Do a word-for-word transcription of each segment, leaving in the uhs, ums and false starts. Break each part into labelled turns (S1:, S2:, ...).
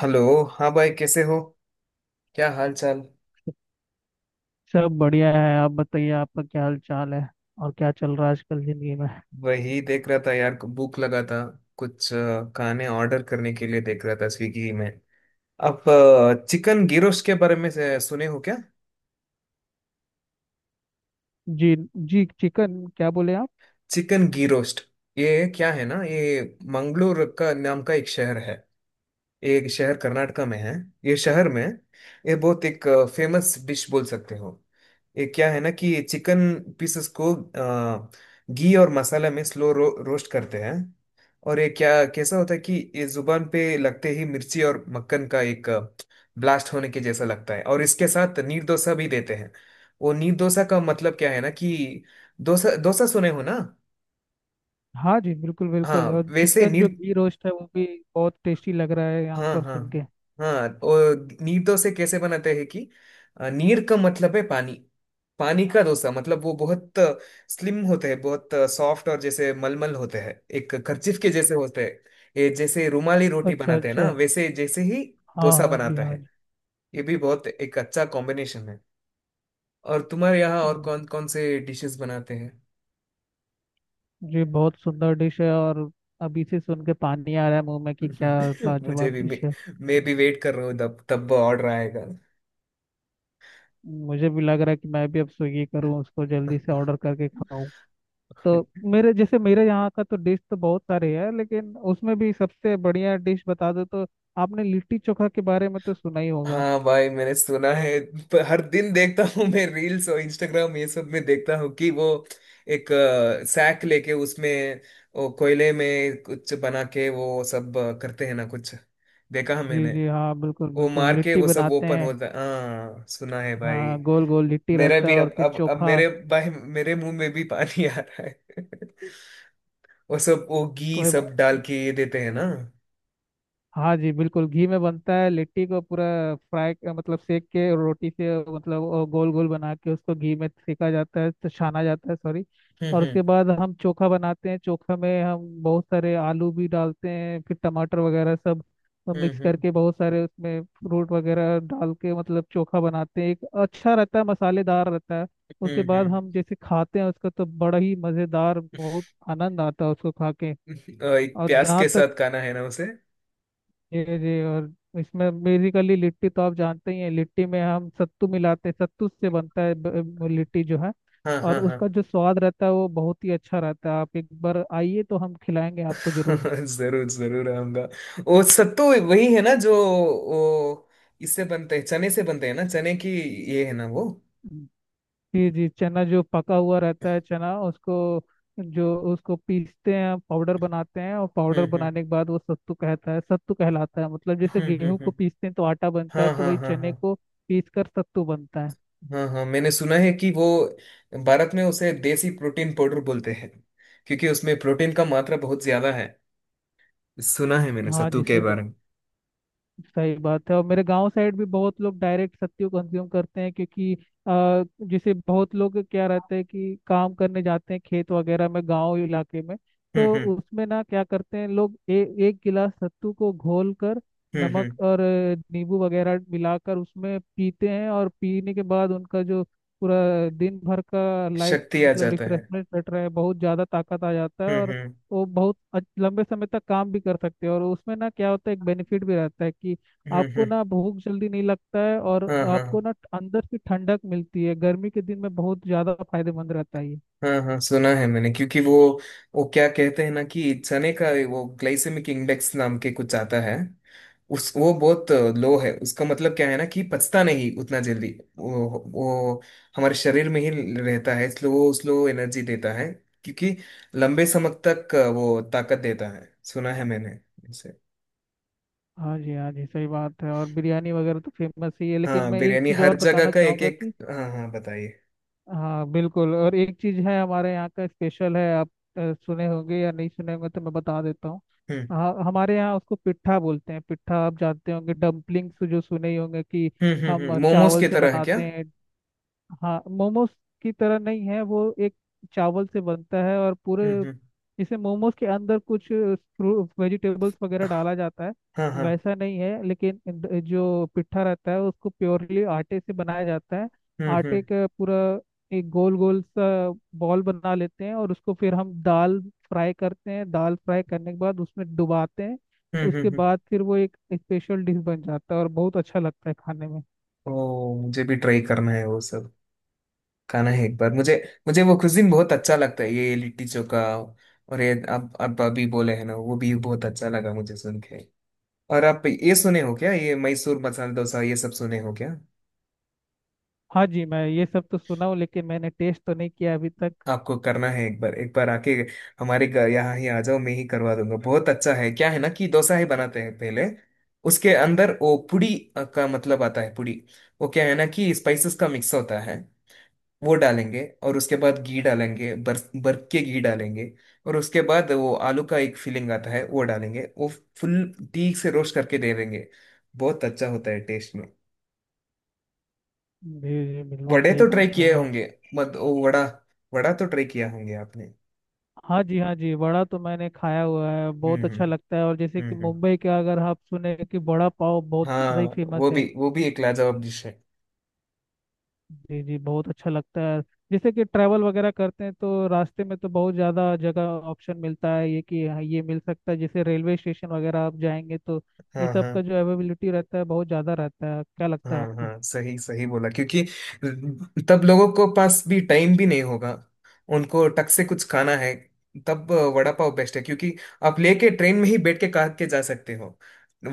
S1: Hello. हाँ भाई, कैसे हो? क्या हाल चाल?
S2: सब बढ़िया है। आप बताइए, आपका क्या हाल चाल है? और क्या चल रहा है आजकल जिंदगी में?
S1: वही देख रहा था यार, भूख लगा था। कुछ अ, खाने ऑर्डर करने के लिए देख रहा था स्विगी में। आप चिकन घी रोस्ट के बारे में से- सुने हो क्या?
S2: जी जी, चिकन क्या बोले आप?
S1: Chicken ghee roast. ये क्या है ना, ये मंगलोर का नाम का एक शहर है। ये एक शहर कर्नाटका में है। ये शहर में, ये बहुत एक फेमस डिश बोल सकते हो। ये क्या है ना कि चिकन पीसेस को अ, घी और मसाला में स्लो रो, रोस्ट करते हैं। और ये क्या, कैसा होता है कि ये जुबान पे लगते ही मिर्ची और मक्खन का एक ब्लास्ट होने के जैसा लगता है, और इसके साथ नीर डोसा भी देते हैं। वो नीर डोसा का मतलब क्या है ना कि डोसा, डोसा सुने हो ना।
S2: हाँ जी, बिल्कुल
S1: हाँ,
S2: बिल्कुल। और
S1: वैसे
S2: चिकन
S1: नीर।
S2: जो घी रोस्ट है वो भी बहुत टेस्टी लग रहा है यहाँ
S1: हाँ
S2: पर
S1: हाँ।
S2: सुन के।
S1: हाँ, और नीर से कैसे बनाते हैं कि अ, नीर का मतलब है पानी। पानी का डोसा मतलब वो बहुत स्लिम होते हैं, बहुत सॉफ्ट, और जैसे मलमल होते हैं, एक कर्चिफ के जैसे होते हैं। ये जैसे रुमाली रोटी
S2: अच्छा
S1: बनाते हैं
S2: अच्छा।
S1: ना, वैसे जैसे ही
S2: हाँ
S1: डोसा
S2: हाँ जी,
S1: बनाता
S2: हाँ
S1: है।
S2: जी।
S1: ये भी बहुत एक अच्छा कॉम्बिनेशन है। और तुम्हारे यहाँ और
S2: हम्म,
S1: कौन कौन से डिशेस बनाते हैं?
S2: जी बहुत सुंदर डिश है। और अभी से सुन के पानी आ रहा है मुंह में कि क्या
S1: मुझे
S2: लाजवाब
S1: भी मैं,
S2: डिश है।
S1: मैं भी वेट कर रहा हूँ, तब तब ऑर्डर आएगा।
S2: मुझे भी लग रहा है कि मैं भी अब स्विगी करूँ, उसको जल्दी से ऑर्डर करके खाऊं। तो मेरे जैसे मेरे यहाँ का तो डिश तो बहुत सारे है, लेकिन उसमें भी सबसे बढ़िया डिश बता दो तो आपने लिट्टी चोखा के बारे में तो सुना ही होगा।
S1: हाँ भाई, मैंने सुना है। प- हर दिन देखता हूँ मैं, रील्स और इंस्टाग्राम ये सब में देखता हूँ कि वो एक सैक लेके उसमें वो कोयले में कुछ बना के वो सब अ, करते हैं ना, कुछ देखा है
S2: जी
S1: मैंने।
S2: जी हाँ, बिल्कुल
S1: वो
S2: बिल्कुल
S1: मार के
S2: लिट्टी
S1: वो सब
S2: बनाते
S1: ओपन
S2: हैं।
S1: होता है, हाँ सुना है भाई।
S2: हाँ, गोल गोल लिट्टी
S1: मेरा
S2: रहता है,
S1: भी
S2: और
S1: अब
S2: फिर
S1: अब अब
S2: चोखा।
S1: मेरे भाई, मेरे मुंह में भी पानी आ रहा है। वो सब वो घी
S2: कोई
S1: सब डाल
S2: बात।
S1: के ये देते हैं ना। हम्म,
S2: हाँ जी, बिल्कुल घी में बनता है लिट्टी को पूरा फ्राई, मतलब सेक के, और रोटी से मतलब और गोल गोल बना के उसको घी में सेका जाता है, तो छाना जाता है, सॉरी। और
S1: हम्म,
S2: उसके बाद हम चोखा बनाते हैं। चोखा में हम बहुत सारे आलू भी डालते हैं, फिर टमाटर वगैरह सब
S1: हम्म,
S2: मिक्स
S1: हम्म,
S2: करके, बहुत सारे उसमें फ्रूट वगैरह डाल के मतलब चोखा बनाते हैं। एक अच्छा रहता है, मसालेदार रहता है। उसके
S1: हम्म,
S2: बाद
S1: हम्म।
S2: हम जैसे खाते हैं उसको, तो बड़ा ही मज़ेदार, बहुत आनंद आता है उसको खा के।
S1: अ, एक
S2: और
S1: प्याज
S2: जहाँ
S1: के
S2: तक,
S1: साथ खाना है ना उसे।
S2: जी जी, और इसमें बेसिकली लिट्टी तो आप जानते ही हैं। लिट्टी में हम सत्तू मिलाते हैं, सत्तू से बनता है ब- ब- लिट्टी जो है।
S1: हाँ
S2: और
S1: हाँ हाँ।
S2: उसका जो स्वाद रहता है वो बहुत ही अच्छा रहता है। आप एक बार आइए तो हम खिलाएंगे आपको जरूर।
S1: जरूर जरूर आऊंगा। वो सत्तू वही है ना, जो वो इससे बनते हैं, चने से बनते हैं ना, चने की, ये है ना वो।
S2: जी जी, चना जो पका हुआ रहता है चना, उसको जो उसको पीसते हैं, पाउडर बनाते हैं, और पाउडर
S1: हम्म, हम्म,
S2: बनाने के बाद वो सत्तू कहता है, सत्तू कहलाता है। मतलब जैसे
S1: हम्म, हम्म,
S2: गेहूं को
S1: हम्म।
S2: पीसते हैं तो आटा बनता है,
S1: हाँ
S2: तो
S1: हाँ
S2: वही
S1: हाँ हाँ।
S2: चने को पीस कर सत्तू बनता है।
S1: हाँ हाँ, मैंने सुना है कि वो भारत में उसे देसी प्रोटीन पाउडर बोलते हैं, क्योंकि उसमें प्रोटीन का मात्रा बहुत ज्यादा है। सुना है मैंने
S2: हाँ
S1: सत्तू
S2: जी,
S1: के
S2: सही बात।
S1: बारे में।
S2: सही बात है। और मेरे गांव साइड भी बहुत लोग डायरेक्ट सत्तू कंज्यूम करते हैं क्योंकि अ, जैसे बहुत लोग क्या रहता है कि काम करने जाते हैं खेत वगैरह में, गांव इलाके में।
S1: हम्म,
S2: तो
S1: हम्म,
S2: उसमें ना क्या करते हैं लोग, ए, एक गिलास सत्तू को घोल कर
S1: हम्म,
S2: नमक
S1: हम्म।
S2: और अ, नींबू वगैरह मिलाकर उसमें पीते हैं, और पीने के बाद उनका जो पूरा दिन भर का लाइफ
S1: शक्ति आ
S2: मतलब
S1: जाता है।
S2: रिफ्रेशमेंट रहता है, बहुत ज़्यादा ताकत आ जाता है।
S1: हम्म,
S2: और
S1: हम्म,
S2: वो बहुत अच- लंबे समय तक काम भी कर सकते हो, और उसमें ना क्या होता है, एक बेनिफिट भी रहता है कि
S1: हम्म,
S2: आपको
S1: हम्म।
S2: ना भूख जल्दी नहीं लगता है, और
S1: हाँ हाँ
S2: आपको ना अंदर से ठंडक मिलती है। गर्मी के दिन में बहुत ज़्यादा फायदेमंद रहता है ये।
S1: हाँ हाँ, सुना है मैंने, क्योंकि वो वो क्या कहते हैं ना कि चने का वो ग्लाइसेमिक इंडेक्स नाम के कुछ आता है, उस वो बहुत लो है। उसका मतलब क्या है ना कि पचता नहीं उतना जल्दी, वो वो हमारे शरीर में ही रहता है, इसलिए वो स्लो एनर्जी देता है, क्योंकि लंबे समय तक वो ताकत देता है। सुना है मैंने इसे।
S2: हाँ जी, हाँ जी, सही बात है। और बिरयानी वगैरह तो फेमस ही है, लेकिन
S1: हाँ
S2: मैं एक
S1: बिरयानी
S2: चीज़
S1: हर
S2: और
S1: जगह
S2: बताना
S1: का एक
S2: चाहूँगा
S1: एक।
S2: कि
S1: हाँ हाँ, बताइए।
S2: हाँ बिल्कुल, और एक चीज है हमारे यहाँ का स्पेशल है। आप अ, सुने होंगे या नहीं सुने होंगे, तो मैं बता देता हूँ।
S1: हम्म,
S2: हाँ, हमारे यहाँ उसको पिट्ठा बोलते हैं। पिट्ठा आप जानते होंगे, डम्पलिंग्स जो सुने ही होंगे कि
S1: हम्म, हम्म।
S2: हम
S1: हम्म, मोमोज
S2: चावल
S1: की
S2: से
S1: तरह है क्या?
S2: बनाते हैं। हाँ, मोमोज की तरह नहीं है। वो एक चावल से बनता है, और पूरे
S1: हम्म, हम्म।
S2: इसे मोमोज के अंदर कुछ वेजिटेबल्स वगैरह डाला जाता है,
S1: हाँ हाँ।
S2: वैसा नहीं है। लेकिन द- जो पिट्ठा रहता है उसको प्योरली आटे से बनाया जाता है।
S1: हम्म, हम्म,
S2: आटे का पूरा एक गोल गोल सा बॉल बना लेते हैं, और उसको फिर हम दाल फ्राई करते हैं। दाल फ्राई करने के बाद उसमें डुबाते हैं।
S1: हम्म,
S2: उसके
S1: हम्म।
S2: बाद फिर वो एक स्पेशल डिश बन जाता है, और बहुत अच्छा लगता है खाने में।
S1: ओ, मुझे भी ट्राई करना है वो सब, खाना है एक बार। मुझे, मुझे वो कुजिन बहुत अच्छा लगता है, ये लिट्टी चोखा, और ये आप आप अभी बोले हैं ना, वो भी बहुत अच्छा लगा मुझे सुन के। और आप ये सुने हो क्या, ये मैसूर मसाला डोसा, ये सब सुने हो क्या?
S2: हाँ जी, मैं ये सब तो सुना हूँ, लेकिन मैंने टेस्ट तो नहीं किया अभी तक।
S1: आपको करना है एक बार, एक बार आके हमारे घर यहाँ ही आ जाओ, मैं ही करवा दूंगा, बहुत अच्छा है। क्या है ना कि डोसा ही बनाते हैं पहले, उसके अंदर वो पुड़ी अ, का मतलब आता है पुड़ी, वो क्या है ना कि स्पाइसेस का मिक्स होता है, वो डालेंगे, और उसके बाद घी डालेंगे, बर बर्फ के घी डालेंगे, और उसके बाद वो आलू का एक फीलिंग आता है, वो डालेंगे, वो फुल ठीक से रोस्ट करके दे देंगे। बहुत अच्छा होता है टेस्ट में।
S2: जी जी, बिल्कुल
S1: वड़े
S2: सही
S1: तो ट्राई
S2: बात है।
S1: किए
S2: और
S1: होंगे। मत ओ वड़ा, वड़ा तो ट्राई किया होंगे आपने।
S2: हाँ जी, हाँ जी, वड़ा तो मैंने खाया हुआ है, बहुत
S1: हम्म, हम्म,
S2: अच्छा लगता है। और जैसे कि
S1: हम्म, हम्म।
S2: मुंबई का अगर आप सुने, कि वड़ा पाव बहुत ज़्यादा
S1: हाँ,
S2: ही फेमस
S1: वो भी
S2: है।
S1: वो भी एक लाजवाब डिश है।
S2: जी जी, बहुत अच्छा लगता है। जैसे कि ट्रैवल वगैरह करते हैं तो रास्ते में तो बहुत ज़्यादा जगह ऑप्शन मिलता है ये कि हाँ, ये मिल सकता है। जैसे रेलवे स्टेशन वगैरह आप जाएंगे, तो ये
S1: हाँ
S2: सब
S1: हाँ
S2: का जो अवेलेबिलिटी रहता है बहुत ज़्यादा रहता है। क्या लगता है
S1: हाँ
S2: आपको?
S1: हाँ, सही सही बोला, क्योंकि तब लोगों को पास भी टाइम भी नहीं होगा, उनको टक से कुछ खाना है, तब वड़ा पाव बेस्ट है, क्योंकि आप लेके ट्रेन में ही बैठ के खा के जा सकते हो।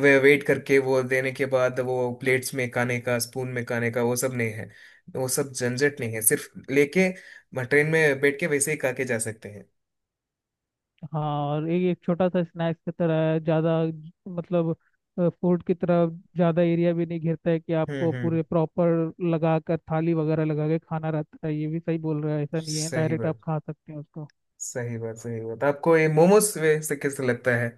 S1: वे वेट करके वो देने के बाद वो प्लेट्स में खाने का, स्पून में खाने का, वो सब नहीं है, वो सब झंझट नहीं है, सिर्फ लेके ट्रेन में बैठ के वैसे ही खा के जा सकते हैं।
S2: हाँ, और एक एक छोटा सा स्नैक्स की तरह है ज़्यादा। मतलब फूड की तरफ ज़्यादा एरिया भी नहीं घेरता है कि
S1: हम्म,
S2: आपको
S1: हम्म।
S2: पूरे प्रॉपर लगा कर थाली वगैरह लगा के खाना रहता है। ये भी सही बोल रहा है, ऐसा नहीं है,
S1: सही
S2: डायरेक्ट आप
S1: बात,
S2: खा सकते हैं उसको।
S1: सही बात, सही बात, आपको ये मोमोज से कैसे लगता है?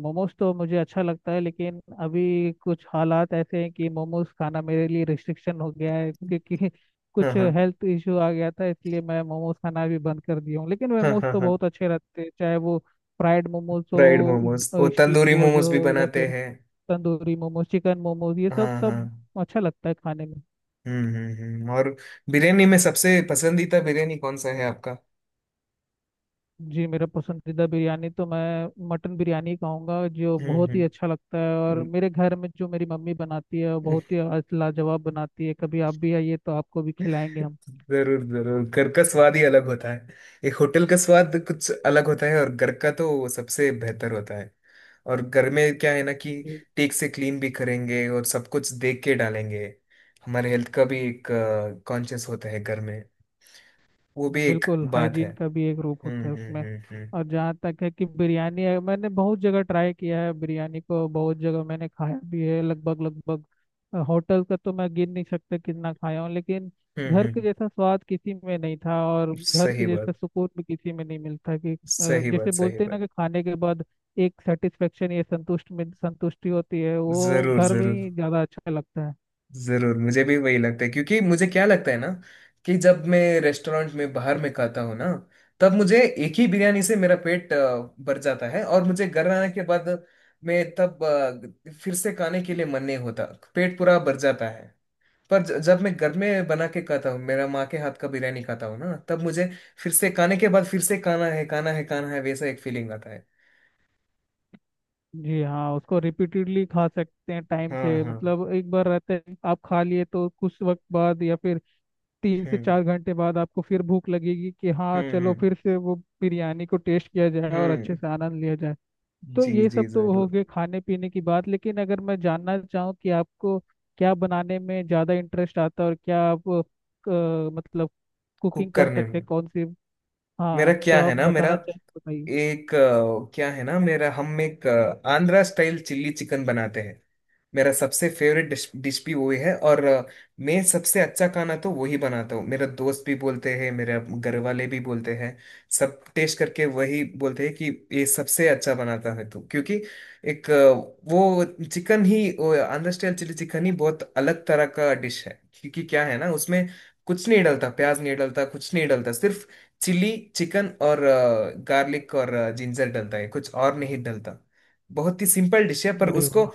S2: मोमोज तो मुझे अच्छा लगता है, लेकिन अभी कुछ हालात ऐसे हैं कि मोमोज खाना मेरे लिए रिस्ट्रिक्शन हो गया है, क्योंकि
S1: हाँ
S2: कुछ
S1: हाँ
S2: हेल्थ इश्यू आ गया था, इसलिए मैं मोमोज खाना भी बंद कर दिया हूँ। लेकिन
S1: हाँ
S2: मोमोज
S1: हाँ
S2: तो
S1: हाँ।
S2: बहुत अच्छे रहते हैं, चाहे वो फ्राइड मोमोज
S1: फ्राइड मोमोज, वो
S2: हो, स्टीम
S1: तंदूरी
S2: वो
S1: मोमोज
S2: जो
S1: भी
S2: हो, या
S1: बनाते
S2: फिर
S1: हैं।
S2: तंदूरी मोमोज, चिकन मोमोज, ये सब
S1: हाँ हाँ।
S2: सब अच्छा लगता है खाने में।
S1: हम्म, हम्म, हम्म। और बिरयानी में सबसे पसंदीदा बिरयानी कौन सा है आपका?
S2: जी मेरा पसंदीदा बिरयानी तो मैं मटन बिरयानी कहूँगा, जो
S1: हम्म,
S2: बहुत ही
S1: हम्म,
S2: अच्छा लगता है। और
S1: हम्म।
S2: मेरे घर में जो मेरी मम्मी बनाती है वो बहुत ही आज लाजवाब बनाती है। कभी आप भी आइए तो आपको भी खिलाएंगे हम।
S1: जरूर जरूर, घर का स्वाद ही अलग होता है। एक होटल का स्वाद कुछ अलग होता है, और घर का तो वो सबसे बेहतर होता है। और घर में क्या है ना कि टेक से क्लीन भी करेंगे और सब कुछ देख के डालेंगे, हमारे हेल्थ का भी एक कॉन्शियस होता है घर में, वो भी एक
S2: बिल्कुल,
S1: बात है।
S2: हाइजीन का भी एक रूप
S1: हम्म,
S2: होता है
S1: हम्म,
S2: उसमें।
S1: हम्म, हम्म,
S2: और जहाँ तक है कि बिरयानी है, मैंने बहुत जगह ट्राई किया है, बिरयानी को बहुत जगह मैंने खाया भी है, लगभग लगभग अ, होटल का तो मैं गिन नहीं सकता कितना खाया हूँ। लेकिन
S1: हम्म,
S2: घर के
S1: हम्म।
S2: जैसा स्वाद किसी में नहीं था, और घर के
S1: सही
S2: जैसा
S1: बात,
S2: सुकून भी किसी में नहीं मिलता कि अ,
S1: सही बात,
S2: जैसे
S1: सही
S2: बोलते हैं ना,
S1: बात।
S2: कि खाने के बाद एक सेटिस्फेक्शन या संतुष्ट में संतुष्टि होती है, वो
S1: जरूर
S2: घर में
S1: जरूर।
S2: ही ज़्यादा अच्छा लगता है।
S1: जरूर, मुझे भी वही लगता है, क्योंकि मुझे क्या लगता है ना कि जब मैं रेस्टोरेंट में बाहर में खाता हूँ ना, तब मुझे एक ही बिरयानी से मेरा पेट अ, भर जाता है, और मुझे घर आने के बाद मैं तब अ, फिर से खाने के लिए मन नहीं होता, पेट पूरा भर जाता है। पर ज- जब मैं घर में बना के खाता हूँ, मेरा माँ के हाथ का बिरयानी खाता हूँ ना, तब मुझे फिर से खाने के बाद फिर से खाना है, खाना है, खाना है, वैसा एक फीलिंग आता है।
S2: जी हाँ, उसको रिपीटेडली खा सकते हैं टाइम
S1: हाँ
S2: से।
S1: हाँ।
S2: मतलब एक बार रहता है आप खा लिए तो कुछ वक्त बाद, या फिर तीन से
S1: हम्म,
S2: चार घंटे बाद आपको फिर भूख लगेगी कि हाँ,
S1: हम्म,
S2: चलो
S1: हम्म,
S2: फिर से वो बिरयानी को टेस्ट किया जाए और अच्छे
S1: हम्म।
S2: से आनंद लिया जाए। तो
S1: जी
S2: ये
S1: जी,
S2: सब तो
S1: जरूर।
S2: हो गए खाने पीने की बात, लेकिन अगर मैं जानना चाहूँ कि आपको क्या बनाने में ज़्यादा इंटरेस्ट आता है, और क्या आप अ, मतलब
S1: कुक
S2: कुकिंग कर
S1: करने
S2: सकते हैं
S1: में,
S2: कौन सी?
S1: मेरा
S2: हाँ तो
S1: क्या है
S2: आप
S1: ना, मेरा
S2: बताना चाहें तो बताइए।
S1: एक अ, क्या है ना, मेरा हम एक अ, आंध्रा स्टाइल चिल्ली चिकन बनाते हैं। मेरा सबसे फेवरेट डिश डिश भी वही है, और अ, मैं सबसे अच्छा खाना तो वही बनाता हूँ। मेरा दोस्त भी बोलते हैं, मेरे घर वाले भी बोलते हैं, सब टेस्ट करके वही बोलते हैं कि ये सबसे अच्छा बनाता है तू, क्योंकि एक अ, वो चिकन ही, वो आंध्र स्टाइल चिली चिकन ही बहुत अलग तरह का डिश है, क्योंकि क्या है ना उसमें कुछ नहीं डलता, प्याज नहीं डलता, कुछ नहीं डलता, सिर्फ चिली चिकन और गार्लिक और जिंजर डलता है, कुछ और नहीं डलता। बहुत ही सिंपल डिश है, पर
S2: अरे
S1: उसको
S2: वाह।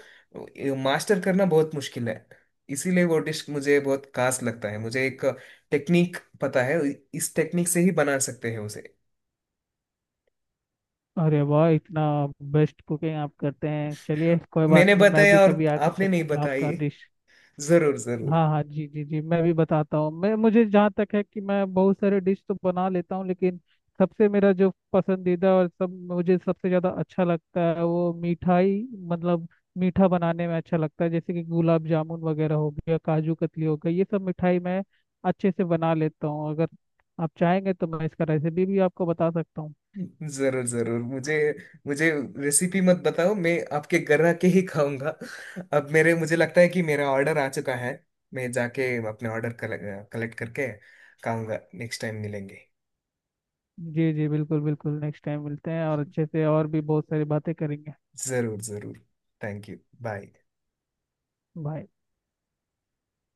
S1: मास्टर करना बहुत मुश्किल है। इसीलिए वो डिश मुझे बहुत खास लगता है। मुझे एक टेक्निक पता है, इस टेक्निक से ही बना सकते हैं उसे।
S2: अरे वाह, इतना बेस्ट कुकिंग आप करते हैं। चलिए कोई बात
S1: मैंने
S2: नहीं, मैं
S1: बताया,
S2: भी
S1: और
S2: कभी आके
S1: आपने नहीं
S2: चखूंगा आपका
S1: बताई।
S2: डिश।
S1: जरूर जरूर,
S2: हाँ हाँ जी, जी जी, मैं भी बताता हूँ। मैं मुझे जहाँ तक है कि मैं बहुत सारे डिश तो बना लेता हूँ, लेकिन सबसे मेरा जो पसंदीदा और सब मुझे सबसे ज़्यादा अच्छा लगता है वो मिठाई, मतलब मीठा बनाने में अच्छा लगता है। जैसे कि गुलाब जामुन वगैरह हो गया, काजू कतली हो गई, ये सब मिठाई मैं अच्छे से बना लेता हूँ। अगर आप चाहेंगे तो मैं इसका रेसिपी भी आपको बता सकता हूँ।
S1: जरूर जरूर। मुझे, मुझे रेसिपी मत बताओ, मैं आपके घर आके ही खाऊंगा। अब मेरे, मुझे लगता है कि मेरा ऑर्डर आ चुका है, मैं जाके अपने ऑर्डर कलेक्ट करके खाऊंगा। नेक्स्ट टाइम मिलेंगे।
S2: जी जी, बिल्कुल बिल्कुल, नेक्स्ट टाइम मिलते हैं, और अच्छे से और भी बहुत सारी बातें करेंगे।
S1: जरूर जरूर। Thank you. बाय।
S2: बाय।